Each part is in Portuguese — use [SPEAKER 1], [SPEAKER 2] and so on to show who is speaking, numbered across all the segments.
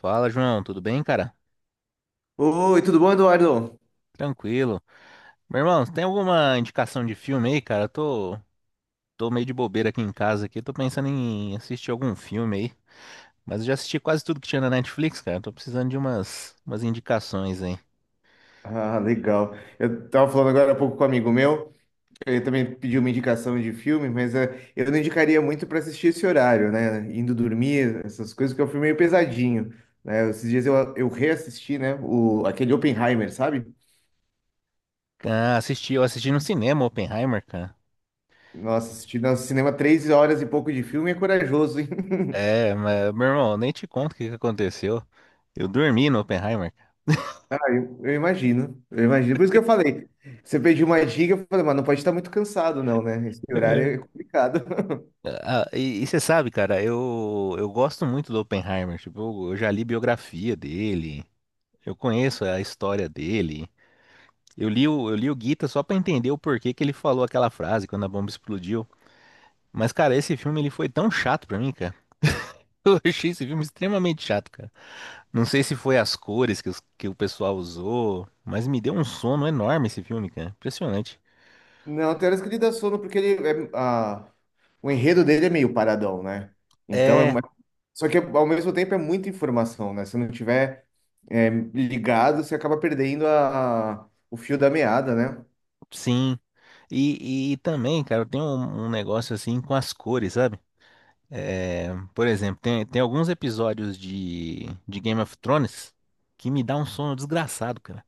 [SPEAKER 1] Fala, João, tudo bem, cara?
[SPEAKER 2] Oi, tudo bom, Eduardo?
[SPEAKER 1] Tranquilo. Meu irmão, você tem alguma indicação de filme aí, cara? Eu tô meio de bobeira aqui em casa aqui, tô pensando em assistir algum filme aí. Mas eu já assisti quase tudo que tinha na Netflix, cara. Tô precisando de umas indicações aí.
[SPEAKER 2] Ah, legal. Eu tava falando agora há pouco com um amigo meu, ele também pediu uma indicação de filme, mas eu não indicaria muito para assistir esse horário, né? Indo dormir, essas coisas, que é um filme meio pesadinho, né? Esses dias eu reassisti, né? O, aquele Oppenheimer, sabe?
[SPEAKER 1] Ah, eu assisti no cinema Oppenheimer, cara.
[SPEAKER 2] Nossa, assisti no cinema três horas e pouco de filme é corajoso, hein?
[SPEAKER 1] É, mas, meu irmão, nem te conto o que que aconteceu. Eu dormi no Oppenheimer.
[SPEAKER 2] Eu imagino, eu imagino. Por isso que eu falei, você pediu uma dica, eu falei, mas não pode estar muito cansado, não, né? Esse horário é
[SPEAKER 1] É.
[SPEAKER 2] complicado.
[SPEAKER 1] Ah, e você sabe, cara, eu gosto muito do Oppenheimer. Tipo, eu já li biografia dele. Eu conheço a história dele. Eu li o Gita só pra entender o porquê que ele falou aquela frase quando a bomba explodiu. Mas, cara, esse filme ele foi tão chato pra mim, cara. Eu achei esse filme extremamente chato, cara. Não sei se foi as cores que o pessoal usou, mas me deu um sono enorme esse filme, cara. Impressionante.
[SPEAKER 2] Não, tem horas que ele dá sono porque ele é, o enredo dele é meio paradão, né? Então é
[SPEAKER 1] É,
[SPEAKER 2] uma- Só que ao mesmo tempo é muita informação, né? Se não tiver é, ligado, você acaba perdendo a, o fio da meada, né?
[SPEAKER 1] sim. E também, cara, tem um negócio assim com as cores, sabe? É, por exemplo, tem alguns episódios de Game of Thrones que me dá um sono desgraçado, cara.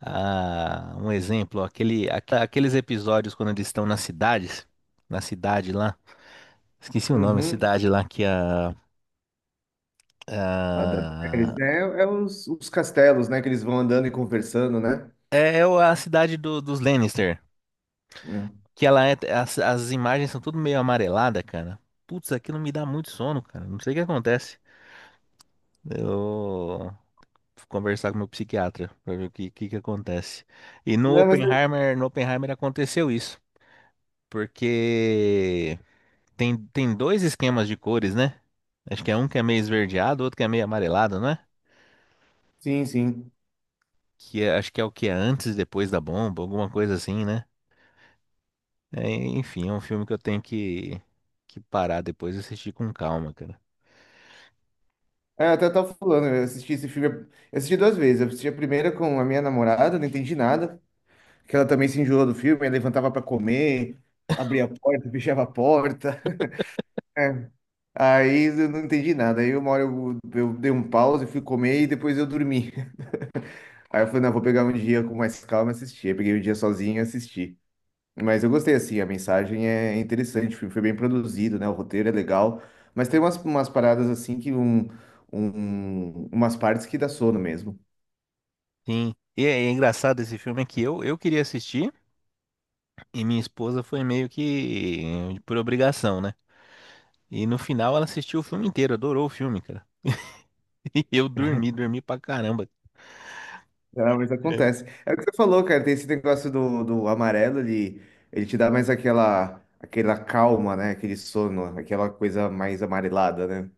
[SPEAKER 1] Ah, um exemplo, aqueles episódios quando eles estão nas cidades, na cidade lá, esqueci o nome, a
[SPEAKER 2] Uhum.
[SPEAKER 1] cidade lá que
[SPEAKER 2] A da Daenerys,
[SPEAKER 1] a-
[SPEAKER 2] né? É, é os castelos, né? Que eles vão andando e conversando, né?
[SPEAKER 1] a cidade dos Lannister,
[SPEAKER 2] É.
[SPEAKER 1] que as imagens são tudo meio amarelada, cara. Putz, aquilo me dá muito sono, cara. Não sei o que acontece. Eu vou conversar com meu psiquiatra pra ver que que acontece. E no
[SPEAKER 2] Não, mas é,
[SPEAKER 1] Oppenheimer, no Oppenheimer aconteceu isso, porque tem dois esquemas de cores, né? Acho que é um que é meio esverdeado, outro que é meio amarelado, não é?
[SPEAKER 2] sim, sim.
[SPEAKER 1] Acho que é o que é antes e depois da bomba, alguma coisa assim, né? É, enfim, é um filme que eu tenho que parar depois e assistir com calma, cara.
[SPEAKER 2] É, eu até tava falando, eu assisti esse filme, eu assisti duas vezes. Eu assisti a primeira com a minha namorada, não entendi nada. Que ela também se enjoou do filme, ela levantava para comer, abria a porta, fechava a porta. É. Aí eu não entendi nada. Aí uma hora eu dei um pause, fui comer e depois eu dormi. Aí eu falei, não, vou pegar um dia com mais calma e assistir. Aí peguei o dia sozinho e assisti. Mas eu gostei, assim, a mensagem é interessante, o filme foi bem produzido, né? O roteiro é legal. Mas tem umas paradas assim que umas partes que dá sono mesmo.
[SPEAKER 1] Sim. E é engraçado, esse filme é que eu queria assistir e minha esposa foi meio que por obrigação, né? E no final ela assistiu o filme inteiro, adorou o filme, cara. E eu dormi, dormi pra caramba.
[SPEAKER 2] Não, mas acontece. É o que você falou, cara. Tem esse negócio do, do amarelo, ele te dá mais aquela, aquela calma, né? Aquele sono, aquela coisa mais amarelada, né?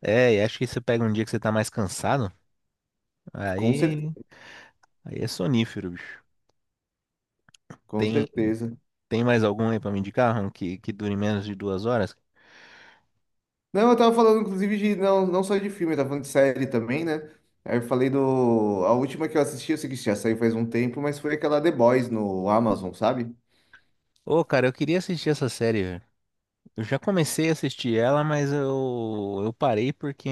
[SPEAKER 1] É, e acho que você pega um dia que você tá mais cansado,
[SPEAKER 2] Com
[SPEAKER 1] aí
[SPEAKER 2] certeza,
[SPEAKER 1] Aí é sonífero, bicho.
[SPEAKER 2] com
[SPEAKER 1] Tem,
[SPEAKER 2] certeza.
[SPEAKER 1] tem mais algum aí pra me indicar, Ron, que dure menos de 2 horas?
[SPEAKER 2] Não, eu tava falando, inclusive, de não, não só de filme, eu tava falando de série também, né? Aí eu falei do. A última que eu assisti, eu sei que já saiu faz um tempo, mas foi aquela The Boys no Amazon, sabe?
[SPEAKER 1] Ô, cara, eu queria assistir essa série, velho. Eu já comecei a assistir ela, mas eu parei porque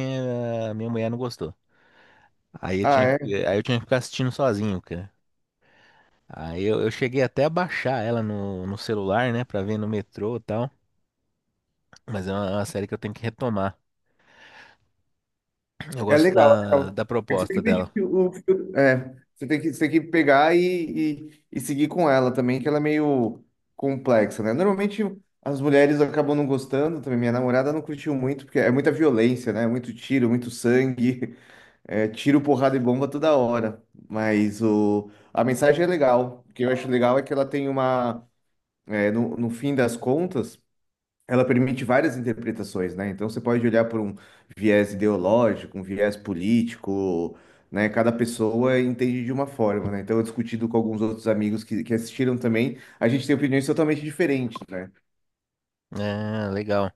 [SPEAKER 1] a minha mulher não gostou. Aí eu tinha,
[SPEAKER 2] Ah,
[SPEAKER 1] que- aí eu tinha que ficar assistindo sozinho, cara. Aí eu cheguei até a baixar ela no celular, né, pra ver no metrô e tal. Mas é uma série que eu tenho que retomar. Eu
[SPEAKER 2] é
[SPEAKER 1] gosto
[SPEAKER 2] legal, é
[SPEAKER 1] da,
[SPEAKER 2] legal.
[SPEAKER 1] da
[SPEAKER 2] É que você tem
[SPEAKER 1] proposta
[SPEAKER 2] que pedir
[SPEAKER 1] dela.
[SPEAKER 2] o filtro. É, você tem que pegar e seguir com ela também, que ela é meio complexa, né? Normalmente as mulheres acabam não gostando também. Minha namorada não curtiu muito, porque é muita violência, né? Muito tiro, muito sangue, é, tiro, porrada e bomba toda hora. Mas o, a mensagem é legal. O que eu acho legal é que ela tem uma. É, no, no fim das contas ela permite várias interpretações, né? Então você pode olhar por um viés ideológico, um viés político, né? Cada pessoa entende de uma forma, né? Então, eu discutido com alguns outros amigos que assistiram também, a gente tem opiniões totalmente diferentes, né?
[SPEAKER 1] É, legal.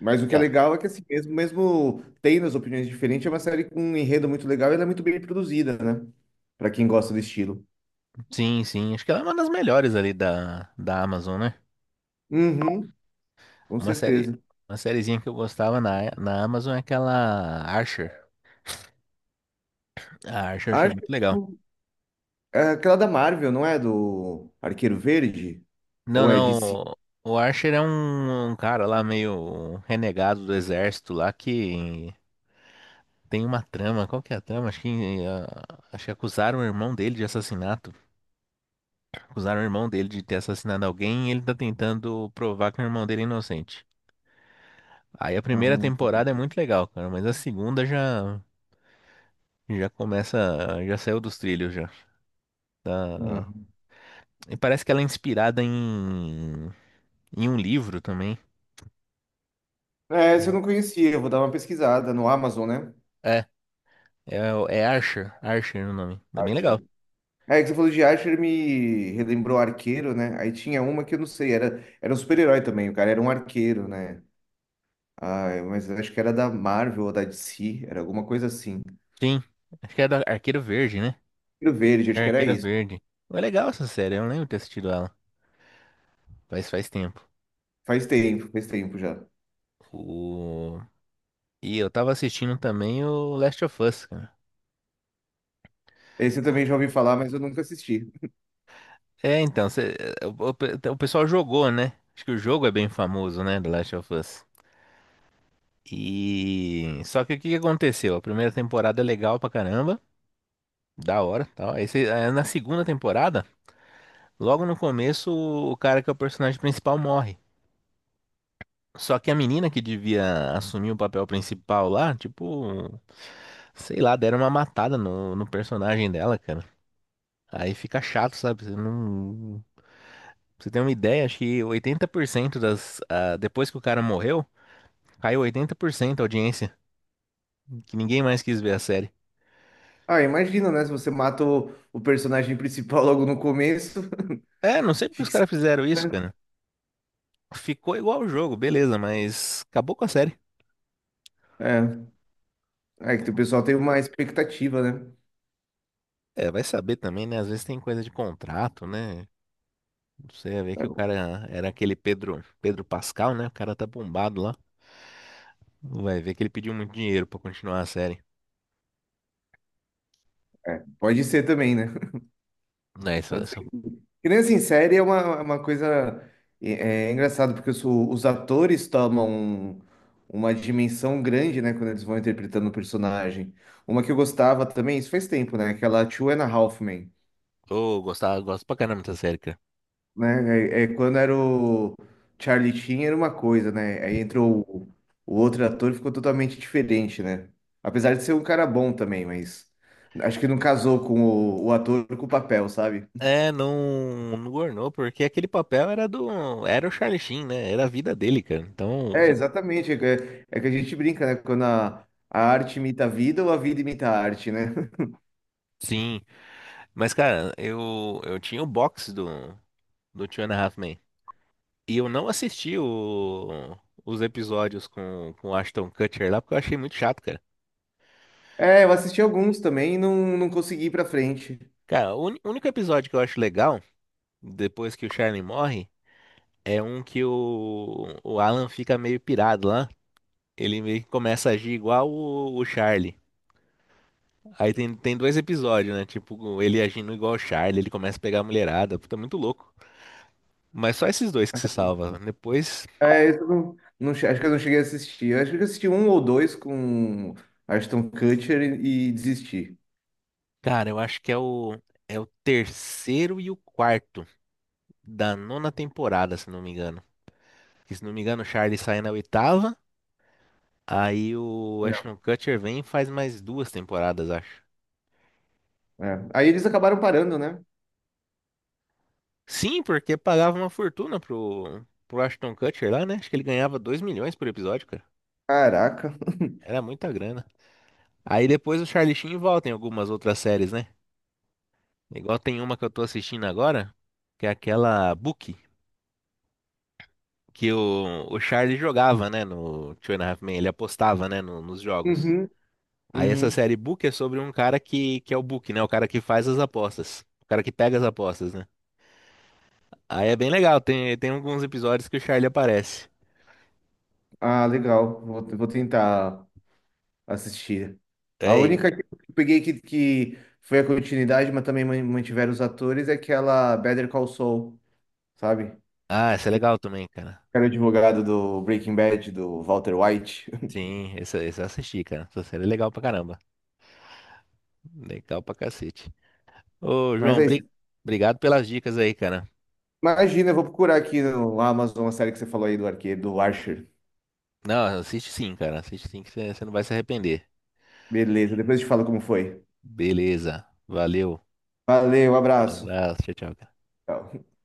[SPEAKER 2] Mas o que é
[SPEAKER 1] É,
[SPEAKER 2] legal é que assim mesmo, mesmo tendo as opiniões diferentes, é uma série com um enredo muito legal e ela é muito bem produzida, né? Para quem gosta do estilo.
[SPEAKER 1] sim, sim. Acho que ela é uma das melhores ali da Amazon, né?
[SPEAKER 2] Uhum, com
[SPEAKER 1] Uma série,
[SPEAKER 2] certeza.
[SPEAKER 1] uma sériezinha que eu gostava na Amazon é aquela Archer. A Archer eu achei
[SPEAKER 2] Acho
[SPEAKER 1] muito
[SPEAKER 2] que
[SPEAKER 1] legal.
[SPEAKER 2] é aquela da Marvel, não é? Do Arqueiro Verde?
[SPEAKER 1] Não,
[SPEAKER 2] Ou é de
[SPEAKER 1] não,
[SPEAKER 2] si?
[SPEAKER 1] o Archer é um cara lá meio renegado do exército lá que tem uma trama. Qual que é a trama? Acho que acusaram o irmão dele de assassinato. Acusaram o irmão dele de ter assassinado alguém e ele tá tentando provar que o irmão dele é inocente. Aí a primeira temporada é muito legal, cara, mas a segunda já, começa, já saiu dos trilhos já. E parece que ela é inspirada em um livro também.
[SPEAKER 2] É, essa eu não conhecia, eu vou dar uma pesquisada no Amazon, né?
[SPEAKER 1] É, é Archer, Archer é o nome. É bem legal.
[SPEAKER 2] Archer. É, que você falou de Archer me relembrou Arqueiro, né? Aí tinha uma que eu não sei, era um super-herói também, o cara era um arqueiro, né? Ah, mas acho que era da Marvel ou da DC, era alguma coisa assim.
[SPEAKER 1] Sim, acho que é da Arqueiro Verde, né?
[SPEAKER 2] Arqueiro Verde, acho
[SPEAKER 1] É
[SPEAKER 2] que era
[SPEAKER 1] Arqueira
[SPEAKER 2] isso.
[SPEAKER 1] Verde. É legal essa série, eu não lembro de ter assistido ela. Faz tempo.
[SPEAKER 2] Faz tempo já.
[SPEAKER 1] O... E eu tava assistindo também o Last of Us, cara.
[SPEAKER 2] Esse eu também já ouvi falar, mas eu nunca assisti.
[SPEAKER 1] É, então, o pessoal jogou, né? Acho que o jogo é bem famoso, né? Do Last of Us. E. Só que o que que aconteceu? A primeira temporada é legal pra caramba. Da hora, tal. Na segunda temporada, logo no começo, o cara que é o personagem principal morre. Só que a menina que devia assumir o papel principal lá, tipo, sei lá, deram uma matada no personagem dela, cara. Aí fica chato, sabe? Você não. pra Você tem uma ideia, acho que 80% depois que o cara morreu, caiu 80% a audiência, que ninguém mais quis ver a série.
[SPEAKER 2] Ah, imagina, né? Se você mata o personagem principal logo no começo,
[SPEAKER 1] É, não sei porque os
[SPEAKER 2] fica esquisito,
[SPEAKER 1] caras fizeram isso,
[SPEAKER 2] né?
[SPEAKER 1] cara. Ficou igual o jogo, beleza, mas acabou com a série.
[SPEAKER 2] É, é que o pessoal tem uma expectativa, né?
[SPEAKER 1] É, vai saber também, né? Às vezes tem coisa de contrato, né? Você vai ver que o cara era aquele Pedro, Pedro Pascal, né? O cara tá bombado lá. Vai ver que ele pediu muito dinheiro pra continuar a série.
[SPEAKER 2] É, pode ser também, né?
[SPEAKER 1] É, isso,
[SPEAKER 2] Pode ser.
[SPEAKER 1] isso,
[SPEAKER 2] Que nem assim, série é uma coisa é, é engraçado porque os atores tomam uma dimensão grande, né, quando eles vão interpretando o personagem. Uma que eu gostava também, isso faz tempo, né? Aquela Two and a Half Men,
[SPEAKER 1] eu gostava, gosto pra caramba dessa série, cara.
[SPEAKER 2] né? É, é quando era o Charlie Sheen era uma coisa, né? Aí entrou o outro ator e ficou totalmente diferente, né? Apesar de ser um cara bom também, mas acho que não casou com o ator com o papel, sabe?
[SPEAKER 1] É, não, não ornou, porque aquele papel era era o Charlie Sheen, né? Era a vida dele, cara.
[SPEAKER 2] É,
[SPEAKER 1] Então,
[SPEAKER 2] exatamente. É, é que a gente brinca, né? Quando a arte imita a vida ou a vida imita a arte, né?
[SPEAKER 1] sim. Mas, cara, eu tinha o box do Two and a Half Men. E eu não assisti os episódios com o Ashton Kutcher lá, porque eu achei muito chato, cara.
[SPEAKER 2] É, eu assisti alguns também e não, não consegui ir pra frente.
[SPEAKER 1] Cara, o único episódio que eu acho legal, depois que o Charlie morre, é um que o Alan fica meio pirado lá. Ele meio que começa a agir igual o Charlie. Aí tem dois episódios, né? Tipo, ele agindo igual o Charlie, ele começa a pegar a mulherada. Puta, é muito louco. Mas só esses dois que se salva. Depois,
[SPEAKER 2] É, eu não, acho que eu não cheguei a assistir. Eu acho que eu assisti um ou dois com Ashton Kutcher e desisti.
[SPEAKER 1] cara, eu acho que é o, terceiro e o quarto da nona temporada, se não me engano. Que, se não me engano, o Charlie sai na oitava. Aí o
[SPEAKER 2] É.
[SPEAKER 1] Ashton Kutcher vem e faz mais duas temporadas, acho.
[SPEAKER 2] É. Aí eles acabaram parando, né?
[SPEAKER 1] Sim, porque pagava uma fortuna pro Ashton Kutcher lá, né? Acho que ele ganhava 2 milhões por episódio, cara.
[SPEAKER 2] Caraca.
[SPEAKER 1] Era muita grana. Aí depois o Charlie Sheen volta em algumas outras séries, né? Igual tem uma que eu tô assistindo agora, que é aquela Bookie, que o Charlie jogava, né? No Two and a Half Men, ele apostava, né? Nos jogos.
[SPEAKER 2] Uhum,
[SPEAKER 1] Aí essa
[SPEAKER 2] uhum.
[SPEAKER 1] série Book é sobre um cara que é o Book, né? O cara que faz as apostas. O cara que pega as apostas, né? Aí é bem legal, tem alguns episódios que o Charlie aparece.
[SPEAKER 2] Ah, legal. Vou, vou tentar assistir. A
[SPEAKER 1] É ele.
[SPEAKER 2] única que eu peguei que foi a continuidade, mas também mantiveram os atores, é aquela Better Call Saul, sabe?
[SPEAKER 1] Ah, essa é
[SPEAKER 2] Que
[SPEAKER 1] legal também, cara.
[SPEAKER 2] era o advogado do Breaking Bad, do Walter White.
[SPEAKER 1] Sim, essa eu assisti, cara. Essa série é legal pra caramba. Legal pra cacete. Ô,
[SPEAKER 2] Mas
[SPEAKER 1] João,
[SPEAKER 2] é isso.
[SPEAKER 1] obrigado pelas dicas aí, cara.
[SPEAKER 2] Imagina, eu vou procurar aqui no Amazon a série que você falou aí do arqueiro, do Archer.
[SPEAKER 1] Não, assiste sim, cara. Assiste sim que você não vai se arrepender.
[SPEAKER 2] Beleza, depois eu te falo como foi.
[SPEAKER 1] Beleza. Valeu.
[SPEAKER 2] Valeu, um
[SPEAKER 1] Um
[SPEAKER 2] abraço.
[SPEAKER 1] abraço. Tchau, tchau.
[SPEAKER 2] Tchau.